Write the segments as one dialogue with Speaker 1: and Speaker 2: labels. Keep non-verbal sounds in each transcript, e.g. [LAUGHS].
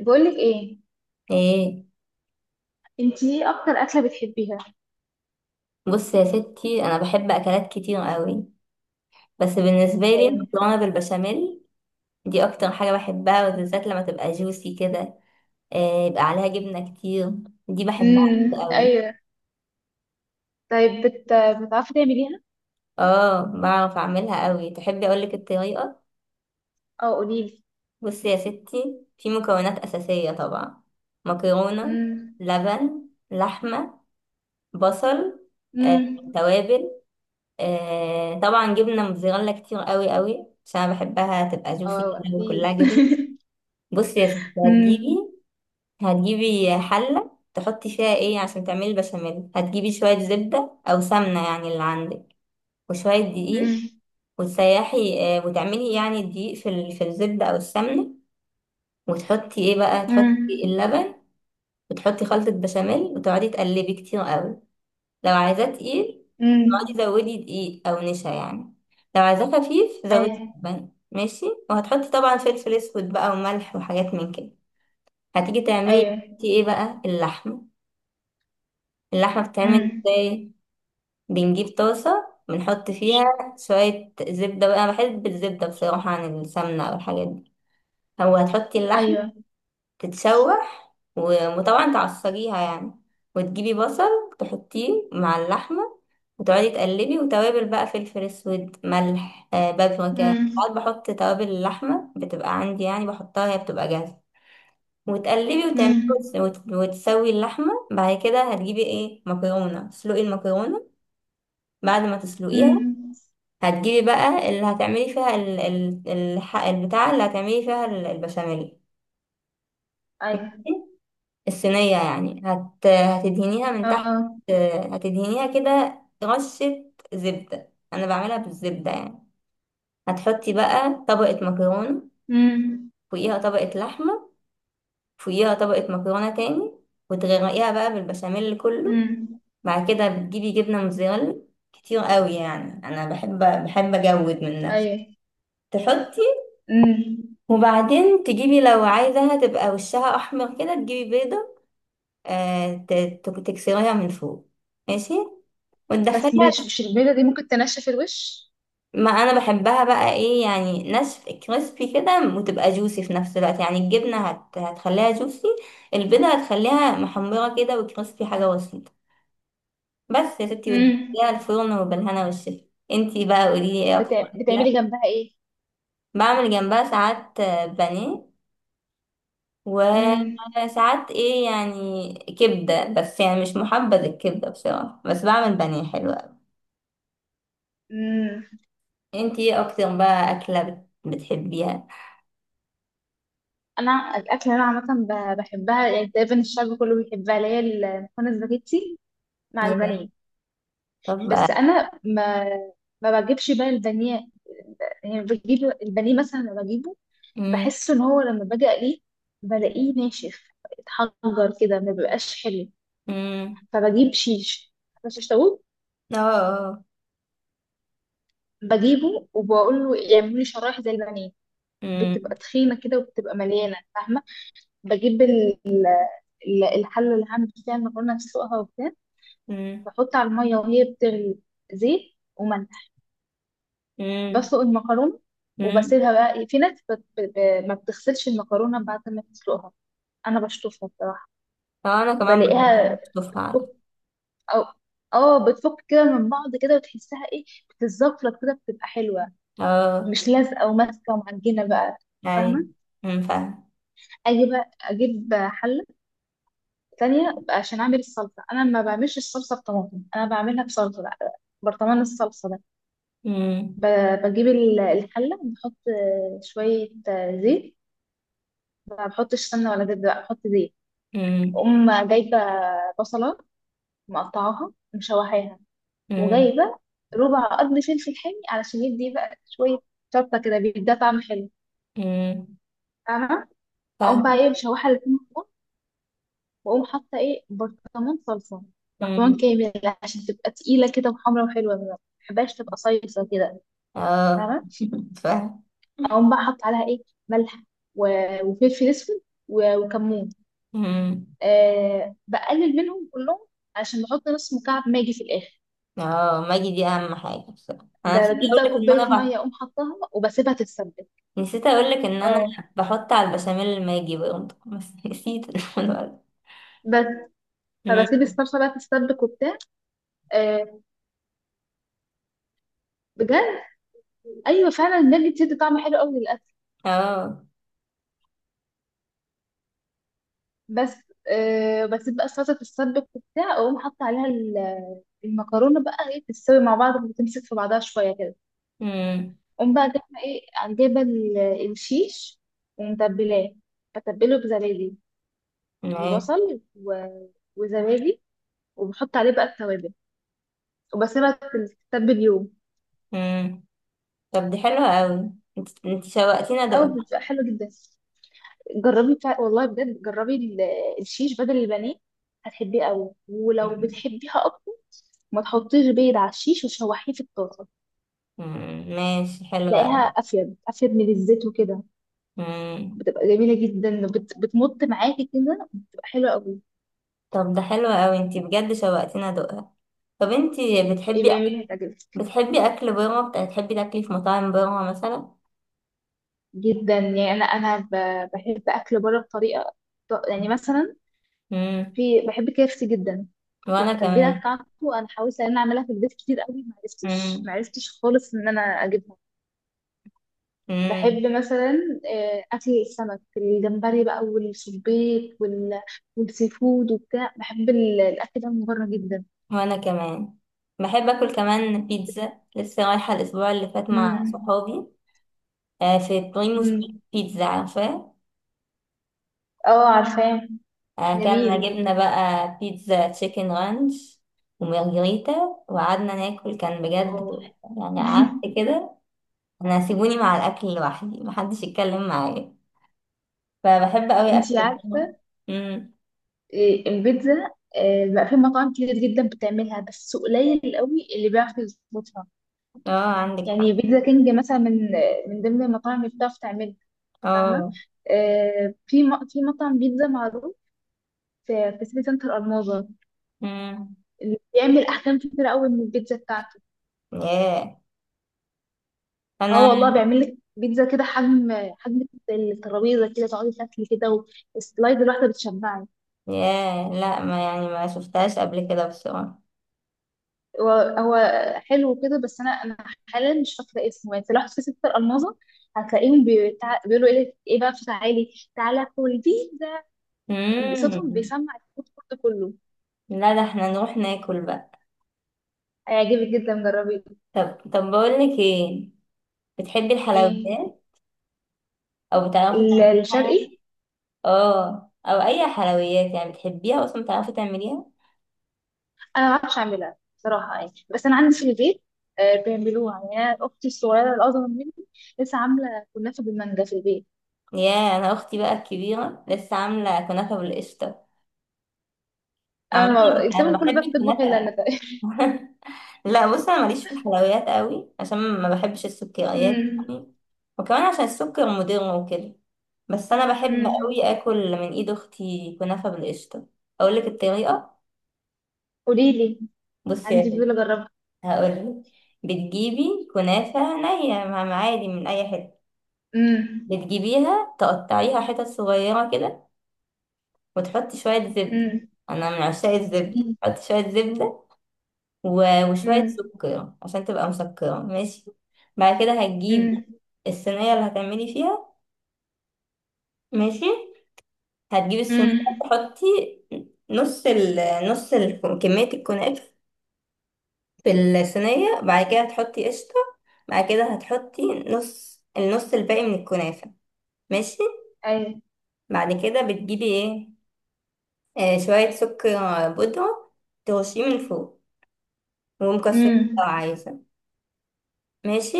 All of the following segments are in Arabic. Speaker 1: بقولك ايه؟
Speaker 2: ايه،
Speaker 1: انتي ايه اكتر اكله بتحبيها؟
Speaker 2: بص يا ستي، انا بحب اكلات كتير قوي. بس بالنسبه لي
Speaker 1: يعني.
Speaker 2: المكرونه بالبشاميل دي اكتر حاجه بحبها، وبالذات لما تبقى جوسي كده. إيه يبقى عليها جبنه كتير. دي بحبها
Speaker 1: امم،
Speaker 2: قوي.
Speaker 1: ايوه. طيب، بتعرفي تعمليها؟
Speaker 2: اه، بعرف اعملها قوي. تحبي اقولك الطريقه؟
Speaker 1: او قوليلي.
Speaker 2: بص يا ستي، في مكونات اساسيه طبعا: مكرونه،
Speaker 1: امم.
Speaker 2: لبن، لحمه، بصل،
Speaker 1: امم.
Speaker 2: توابل، طبعا جبنه موتزاريلا كتير قوي قوي عشان انا بحبها تبقى جوسي
Speaker 1: اه،
Speaker 2: كده
Speaker 1: قوليلي.
Speaker 2: وكلها جبنه. بصي يا ستي،
Speaker 1: [LAUGHS] امم.
Speaker 2: هتجيبي حلة تحطي فيها ايه عشان تعملي البشاميل. هتجيبي شوية زبدة أو سمنة، يعني اللي عندك، وشوية دقيق،
Speaker 1: امم.
Speaker 2: وتسيحي، وتعملي يعني الدقيق في الزبدة أو السمنة. وتحطي ايه بقى؟ تحطي
Speaker 1: امم.
Speaker 2: اللبن، وتحطي خلطة بشاميل، وتقعدي تقلبي كتير قوي. لو عايزاه تقيل،
Speaker 1: امم.
Speaker 2: تقعدي زودي دقيق أو نشا يعني. لو عايزاه خفيف،
Speaker 1: [LAUGHS]
Speaker 2: زودي
Speaker 1: ايوه.
Speaker 2: لبن. ماشي. وهتحطي طبعا فلفل أسود بقى وملح وحاجات من كده. هتيجي تعملي
Speaker 1: ايوه.
Speaker 2: انتي ايه بقى؟ اللحمة. اللحمة بتتعمل
Speaker 1: امم.
Speaker 2: ازاي؟ بنجيب طاسة، بنحط فيها شوية زبدة بقى، أنا بحب الزبدة بصراحة عن السمنة أو الحاجات دي. هو هتحطي اللحم
Speaker 1: ايوه.
Speaker 2: تتشوح وطبعا تعصريها يعني. وتجيبي بصل تحطيه مع اللحمة، وتقعدي تقلبي. وتوابل بقى، فلفل اسود، ملح، آه بابريكا.
Speaker 1: امم.
Speaker 2: ساعات بحط توابل اللحمة بتبقى عندي يعني، بحطها هي بتبقى جاهزة، وتقلبي وتعملي
Speaker 1: امم.
Speaker 2: وتسوي اللحمة. بعد كده هتجيبي ايه؟ مكرونة. تسلقي المكرونة. بعد ما تسلقيها،
Speaker 1: امم.
Speaker 2: هتجيبي بقى اللي هتعملي فيها البتاع، اللي هتعملي فيها البشاميل،
Speaker 1: ايوه.
Speaker 2: الصينية يعني. هتدهنيها من تحت،
Speaker 1: اه.
Speaker 2: هتدهنيها كده رشة زبدة، أنا بعملها بالزبدة يعني. هتحطي بقى طبقة مكرونة،
Speaker 1: امم.
Speaker 2: فوقيها طبقة لحمة، فوقيها طبقة مكرونة تاني، وتغرقيها بقى بالبشاميل كله.
Speaker 1: امم.
Speaker 2: بعد كده بتجيبي جبنة موتزاريلا كتير قوي، يعني انا بحب بحب اجود من نفسي.
Speaker 1: ايوه.
Speaker 2: تحطي،
Speaker 1: امم.
Speaker 2: وبعدين تجيبي، لو عايزاها تبقى وشها احمر كده، تجيبي بيضة، آه ت- تكسريها من فوق. ماشي.
Speaker 1: بس، مش
Speaker 2: وتدخليها.
Speaker 1: مش البيضه دي ممكن تنشف الوش؟
Speaker 2: ما انا بحبها بقى، ايه يعني، ناشف كريسبي كده، وتبقى جوسي في نفس الوقت. يعني الجبنة هتخليها جوسي، البيضة هتخليها محمرة كده وكريسبي. حاجة بسيطة بس يا ستي،
Speaker 1: امم.
Speaker 2: وتدخليها الفرن وبالهنا والشفا. انتي بقى قوليلي ايه اكتر.
Speaker 1: بتعملي جنبها؟
Speaker 2: بعمل جنبها ساعات بانيه،
Speaker 1: ايه.
Speaker 2: وساعات ايه يعني كبدة، بس يعني مش محبذ الكبدة بصراحة، بس بعمل بانيه حلو أوي.
Speaker 1: مم.
Speaker 2: انتي ايه اكتر بقى أكلة بتحبيها؟
Speaker 1: انا الاكل اللي انا عامه بحبها، يعني تقريبا الشعب كله بيحبها، اللي هي المكرونه سباجيتي مع
Speaker 2: ياه.
Speaker 1: البانيه.
Speaker 2: طب بقى.
Speaker 1: بس انا ما بجيبش بقى البانيه، يعني بجيب البانيه مثلا لما بجيبه،
Speaker 2: مم.
Speaker 1: بحس ان هو لما باجي اقليه بلاقيه ناشف، اتحجر كده ما بيبقاش حلو.
Speaker 2: مم.
Speaker 1: فبجيب شيش طاووق،
Speaker 2: اه. آه.
Speaker 1: بجيبه وبقول له يعملوا لي شرايح زي البانيه،
Speaker 2: مم.
Speaker 1: بتبقى تخينه كده وبتبقى مليانه، فاهمه؟ بجيب الحلة اللي هعمل فيها المكرونة، أسلقها وبتاع،
Speaker 2: مم.
Speaker 1: بحط على المية وهي بتغلي زيت وملح،
Speaker 2: مم.
Speaker 1: بسلق المكرونة،
Speaker 2: مم.
Speaker 1: وبسيبها بقى إيه، في ناس ما بتغسلش المكرونة بعد ما تسلقها. أنا بشطفها بصراحة،
Speaker 2: اه، انا كمان برضه
Speaker 1: بلاقيها
Speaker 2: بحب اشوفها على.
Speaker 1: بتفك، أو اه بتفك كده من بعض كده، وتحسها ايه، بتتزفرط كده، بتبقى حلوة،
Speaker 2: اه.
Speaker 1: مش لازقة وماسكة ومعجنة بقى،
Speaker 2: اي.
Speaker 1: فاهمة؟
Speaker 2: مم، فاهم.
Speaker 1: أجي بقى أجيب حلة ثانية عشان أعمل الصلصة، أنا ما بعملش الصلصة بطماطم، أنا بعملها بصلصة بقى، برطمان الصلصة ده.
Speaker 2: مم.
Speaker 1: بجيب الحلة، بحط شوية زيت، ما بحطش سمنة ولا زيت، بقى بحط زيت.
Speaker 2: مم.
Speaker 1: أقوم جايبة بصلة، مقطعاها، مشوحاها،
Speaker 2: مم.
Speaker 1: وجايبة ربع قد فلفل حامي علشان يدي بقى شوية شطة كده، بيديها طعم حلو،
Speaker 2: مم،
Speaker 1: فاهمة؟ أقوم بقى
Speaker 2: فاهم.
Speaker 1: إيه، مشوحة الاتنين، واقوم حاطه ايه، برطمان صلصه،
Speaker 2: مم.
Speaker 1: برطمان كامل، عشان تبقى تقيله كده وحمرا وحلوه، ما بحبهاش تبقى صيصه كده،
Speaker 2: اه،
Speaker 1: فاهمه؟
Speaker 2: [LAUGHS] فاهم.
Speaker 1: اقوم بقى حاطه عليها ايه، ملح، و- وفلفل اسود، و- وكمون.
Speaker 2: مم.
Speaker 1: أه، بقلل منهم كلهم عشان بحط نص مكعب ماجي في الاخر.
Speaker 2: اه، ماجي دي اهم حاجة بصراحة، انا نسيت
Speaker 1: بجيب بقى
Speaker 2: اقولك ان انا
Speaker 1: كوبايه ميه، اقوم حطاها وبسيبها تتسبك.
Speaker 2: نسيت اقولك ان انا
Speaker 1: اه.
Speaker 2: بحط على البشاميل الماجي برضه، [LAUGHS] بس نسيت. الولد.
Speaker 1: بس. فبسيب الصلصه بقى تتسبك وبتاع. أه، بجد، ايوه فعلا الماجي بتدي طعم حلو قوي.
Speaker 2: اه.
Speaker 1: بس. آه، بس بقى فتره السبك وبتاع، اقوم حاطه عليها المكرونه بقى ايه، تستوي مع بعض وتمسك في بعضها شويه كده.
Speaker 2: مم.
Speaker 1: اقوم بقى جايبه ايه، جايبه الشيش ومتبلاه، بتبله بزبادي،
Speaker 2: ماشي.
Speaker 1: ببصل وزبادي، وبحط عليه بقى التوابل، وبسيبها تتبل يوم.
Speaker 2: مم. طب دي حلوة اوي، انت شوقتيني
Speaker 1: او
Speaker 2: ادوقها.
Speaker 1: بتبقى حلوه جدا، جربي والله بجد، جربي الشيش بدل البانيه، هتحبيه قوي. ولو
Speaker 2: مم.
Speaker 1: بتحبيها اكتر، ما تحطيش بيض على الشيش وتشوحيه في الطاسه،
Speaker 2: مم. ماشي، حلوة
Speaker 1: هتلاقيها
Speaker 2: اوي.
Speaker 1: افيد افيد من الزيت وكده،
Speaker 2: مم.
Speaker 1: بتبقى جميله جدا، بتمط معاكي كده، بتبقى حلوه قوي.
Speaker 2: طب ده حلو اوي، انت بجد شوقتيني ادوقها. طب انت
Speaker 1: ايه
Speaker 2: بتحبي أك...
Speaker 1: جميله، هتعجبك
Speaker 2: بتحبي اكل بره؟ بتحبي تاكلي في مطاعم بره مثلا؟
Speaker 1: جدا. يعني انا بحب اكل بره بطريقه، يعني مثلا،
Speaker 2: مم.
Speaker 1: في بحب كيفسي جدا،
Speaker 2: وانا
Speaker 1: التتبيله
Speaker 2: كمان.
Speaker 1: بتاعته انا حاولت ان انا اعملها في البيت كتير قوي، ما عرفتش
Speaker 2: مم.
Speaker 1: ما عرفتش خالص ان انا اجيبها.
Speaker 2: مم.
Speaker 1: بحب مثلا اكل السمك، الجمبري بقى، والسبيط، والسي فود وبتاع، بحب الاكل ده من بره جدا.
Speaker 2: وانا كمان بحب اكل. كمان بيتزا، لسه رايحه الاسبوع اللي فات مع صحابي في بريموس.
Speaker 1: امم.
Speaker 2: بيتزا، عارفاه.
Speaker 1: اه، عارفاه.
Speaker 2: اكلنا،
Speaker 1: جميل.
Speaker 2: جبنا بقى بيتزا تشيكن رانش ومارجريتا، وقعدنا ناكل. كان بجد
Speaker 1: اه.
Speaker 2: تحفة. يعني
Speaker 1: [LAUGHS]
Speaker 2: قعدت كده انا، سيبوني مع الاكل لوحدي، محدش يتكلم معايا. فبحب قوي
Speaker 1: انتي
Speaker 2: اكل بره.
Speaker 1: عارفة؟
Speaker 2: امم.
Speaker 1: البيتزا بقى في مطاعم كتير جدا بتعملها، بس قليل قوي اللي بيعرف يظبطها.
Speaker 2: اه، عندك
Speaker 1: يعني
Speaker 2: حق.
Speaker 1: بيتزا كينج مثلا، من ضمن المطاعم اللي بتعرف تعملها، فاهمة؟
Speaker 2: اه.
Speaker 1: في في مطعم بيتزا معروف في سيتي سنتر الماظة،
Speaker 2: امم.
Speaker 1: اللي بيعمل أحجام كتير قوي من البيتزا بتاعته.
Speaker 2: ياه.
Speaker 1: اه
Speaker 2: انا
Speaker 1: والله، بيعمل لك بيتزا كده حجم، حجم الترابيزة كده، تقعدي تاكلي كده، والسلايد الواحدة بتشبعك.
Speaker 2: ياه، لا ما يعني ما شفتهاش قبل كده بصراحه.
Speaker 1: هو هو حلو كده، بس انا حاليا مش فاكره اسمه، يعني لو في ستة الماظه هتلاقيهم بيقولوا ايه ايه بقى، تعالي تعالى كل بيتزا، صوتهم
Speaker 2: امم.
Speaker 1: بيسمع الفود كورت كله.
Speaker 2: لا، ده احنا نروح ناكل بقى.
Speaker 1: هيعجبك جدا، جربي.
Speaker 2: طب. طب بقول لك ايه، بتحبي
Speaker 1: ايه،
Speaker 2: الحلويات؟ او بتعرفي تعملي حاجه؟
Speaker 1: الشرقي.
Speaker 2: اه، او اي حلويات يعني بتحبيها اصلا بتعرفي تعمليها؟
Speaker 1: انا ما بعرفش اعملها صراحه يعني، بس انا عندي في البيت بيعملوها، يعني انا اختي الصغيره الاصغر مني لسه عامله كنافه بالمانجا في البيت.
Speaker 2: يا، انا اختي بقى الكبيره لسه عامله كنافه بالقشطه عامه.
Speaker 1: انا
Speaker 2: انا
Speaker 1: الكلام كله
Speaker 2: بحب
Speaker 1: بقى بتطبخ الا انا،
Speaker 2: الكنافه.
Speaker 1: [LAUGHS] تقريبا.
Speaker 2: [LAUGHS] لا بص، انا ماليش في الحلويات قوي عشان ما بحبش السكريات
Speaker 1: امم.
Speaker 2: يعني، وكمان عشان السكر مضر وكده. بس انا بحب
Speaker 1: امم.
Speaker 2: قوي اكل من ايد اختي كنافه بالقشطه. اقول لك الطريقه؟
Speaker 1: قولي لي، عندي
Speaker 2: بصي،
Speaker 1: فضول اجربها.
Speaker 2: هقولك. بتجيبي كنافة نية عادي من أي حتة،
Speaker 1: امم.
Speaker 2: بتجيبيها تقطعيها حتت صغيرة كده، وتحطي شوية زبدة.
Speaker 1: امم.
Speaker 2: أنا من عشاق الزبدة، حطي شوية زبدة وشوية
Speaker 1: امم.
Speaker 2: سكر عشان تبقى مسكرة. ماشي. بعد كده هتجيبي
Speaker 1: امم.
Speaker 2: الصينية اللي هتعملي فيها. ماشي. هتجيبي الصينية،
Speaker 1: امم.
Speaker 2: تحطي نص ال نص ال كمية الكنافة في الصينية. بعد كده هتحطي قشطة. بعد كده هتحطي نص النص الباقي من الكنافة. ماشي.
Speaker 1: ايوه.
Speaker 2: بعد كده بتجيبي ايه؟ آه، شوية سكر بودرة ترشيه من فوق، ومكسرات لو
Speaker 1: امم.
Speaker 2: عايزة. ماشي.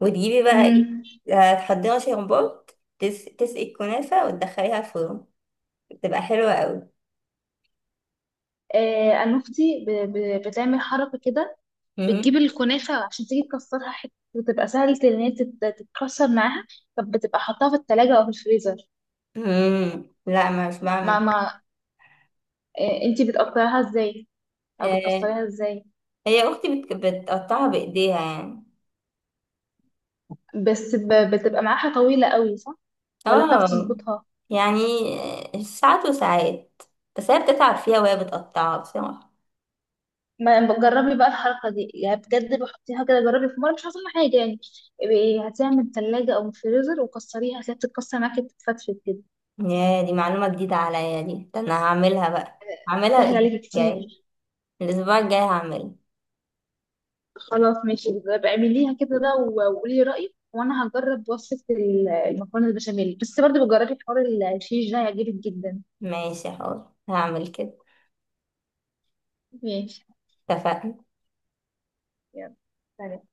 Speaker 2: وتجيبي بقى
Speaker 1: امم.
Speaker 2: ايه؟ هتحضري شربات، تسقي الكنافة وتدخليها الفرن. بتبقى حلوة قوي.
Speaker 1: آه، انا اختي بتعمل حركه كده، بتجيب
Speaker 2: مهم.
Speaker 1: الكنافه عشان تيجي تكسرها حته، وتبقى سهله ان هي تتكسر معاها. طب، بتبقى حطاها في التلاجة او في الفريزر؟
Speaker 2: مم. لا، ما مش
Speaker 1: ما
Speaker 2: بعمل.
Speaker 1: ما آه، انتي بتقطعيها ازاي؟ او
Speaker 2: آه.
Speaker 1: بتكسريها ازاي؟
Speaker 2: هي اختي بتقطعها بايديها يعني.
Speaker 1: بس، بتبقى معاها طويله قوي، صح؟ ولا بتعرف
Speaker 2: اه
Speaker 1: تظبطها؟
Speaker 2: يعني، ساعات وساعات. بس هي بتتعب فيها وهي بتقطعها بس.
Speaker 1: ما جربي بقى الحركة دي، يعني بجد بحطيها كده، جربي في مرة مش هتطلع حاجة يعني. هاتيها من التلاجة أو من الفريزر وكسريها، هتلاقيها بتتكسر معاكي، بتتفتفت كده.
Speaker 2: يا، دي معلومة جديدة عليا دي، ده انا هعملها بقى، هعملها
Speaker 1: سهل
Speaker 2: الاسبوع
Speaker 1: عليكي
Speaker 2: الجاي
Speaker 1: كتير.
Speaker 2: يعني. الاسبوع الجاي هعملها.
Speaker 1: خلاص، ماشي بقى، اعمليها كده بقى وقولي رأيك، وأنا هجرب وصفة المكرونة البشاميل، بس برضه بجربي حوار، الشيش ده هيعجبك جدا.
Speaker 2: ماشي، حاضر هعمل كده.
Speaker 1: ماشي.
Speaker 2: اتفقنا.
Speaker 1: يلا، سلام.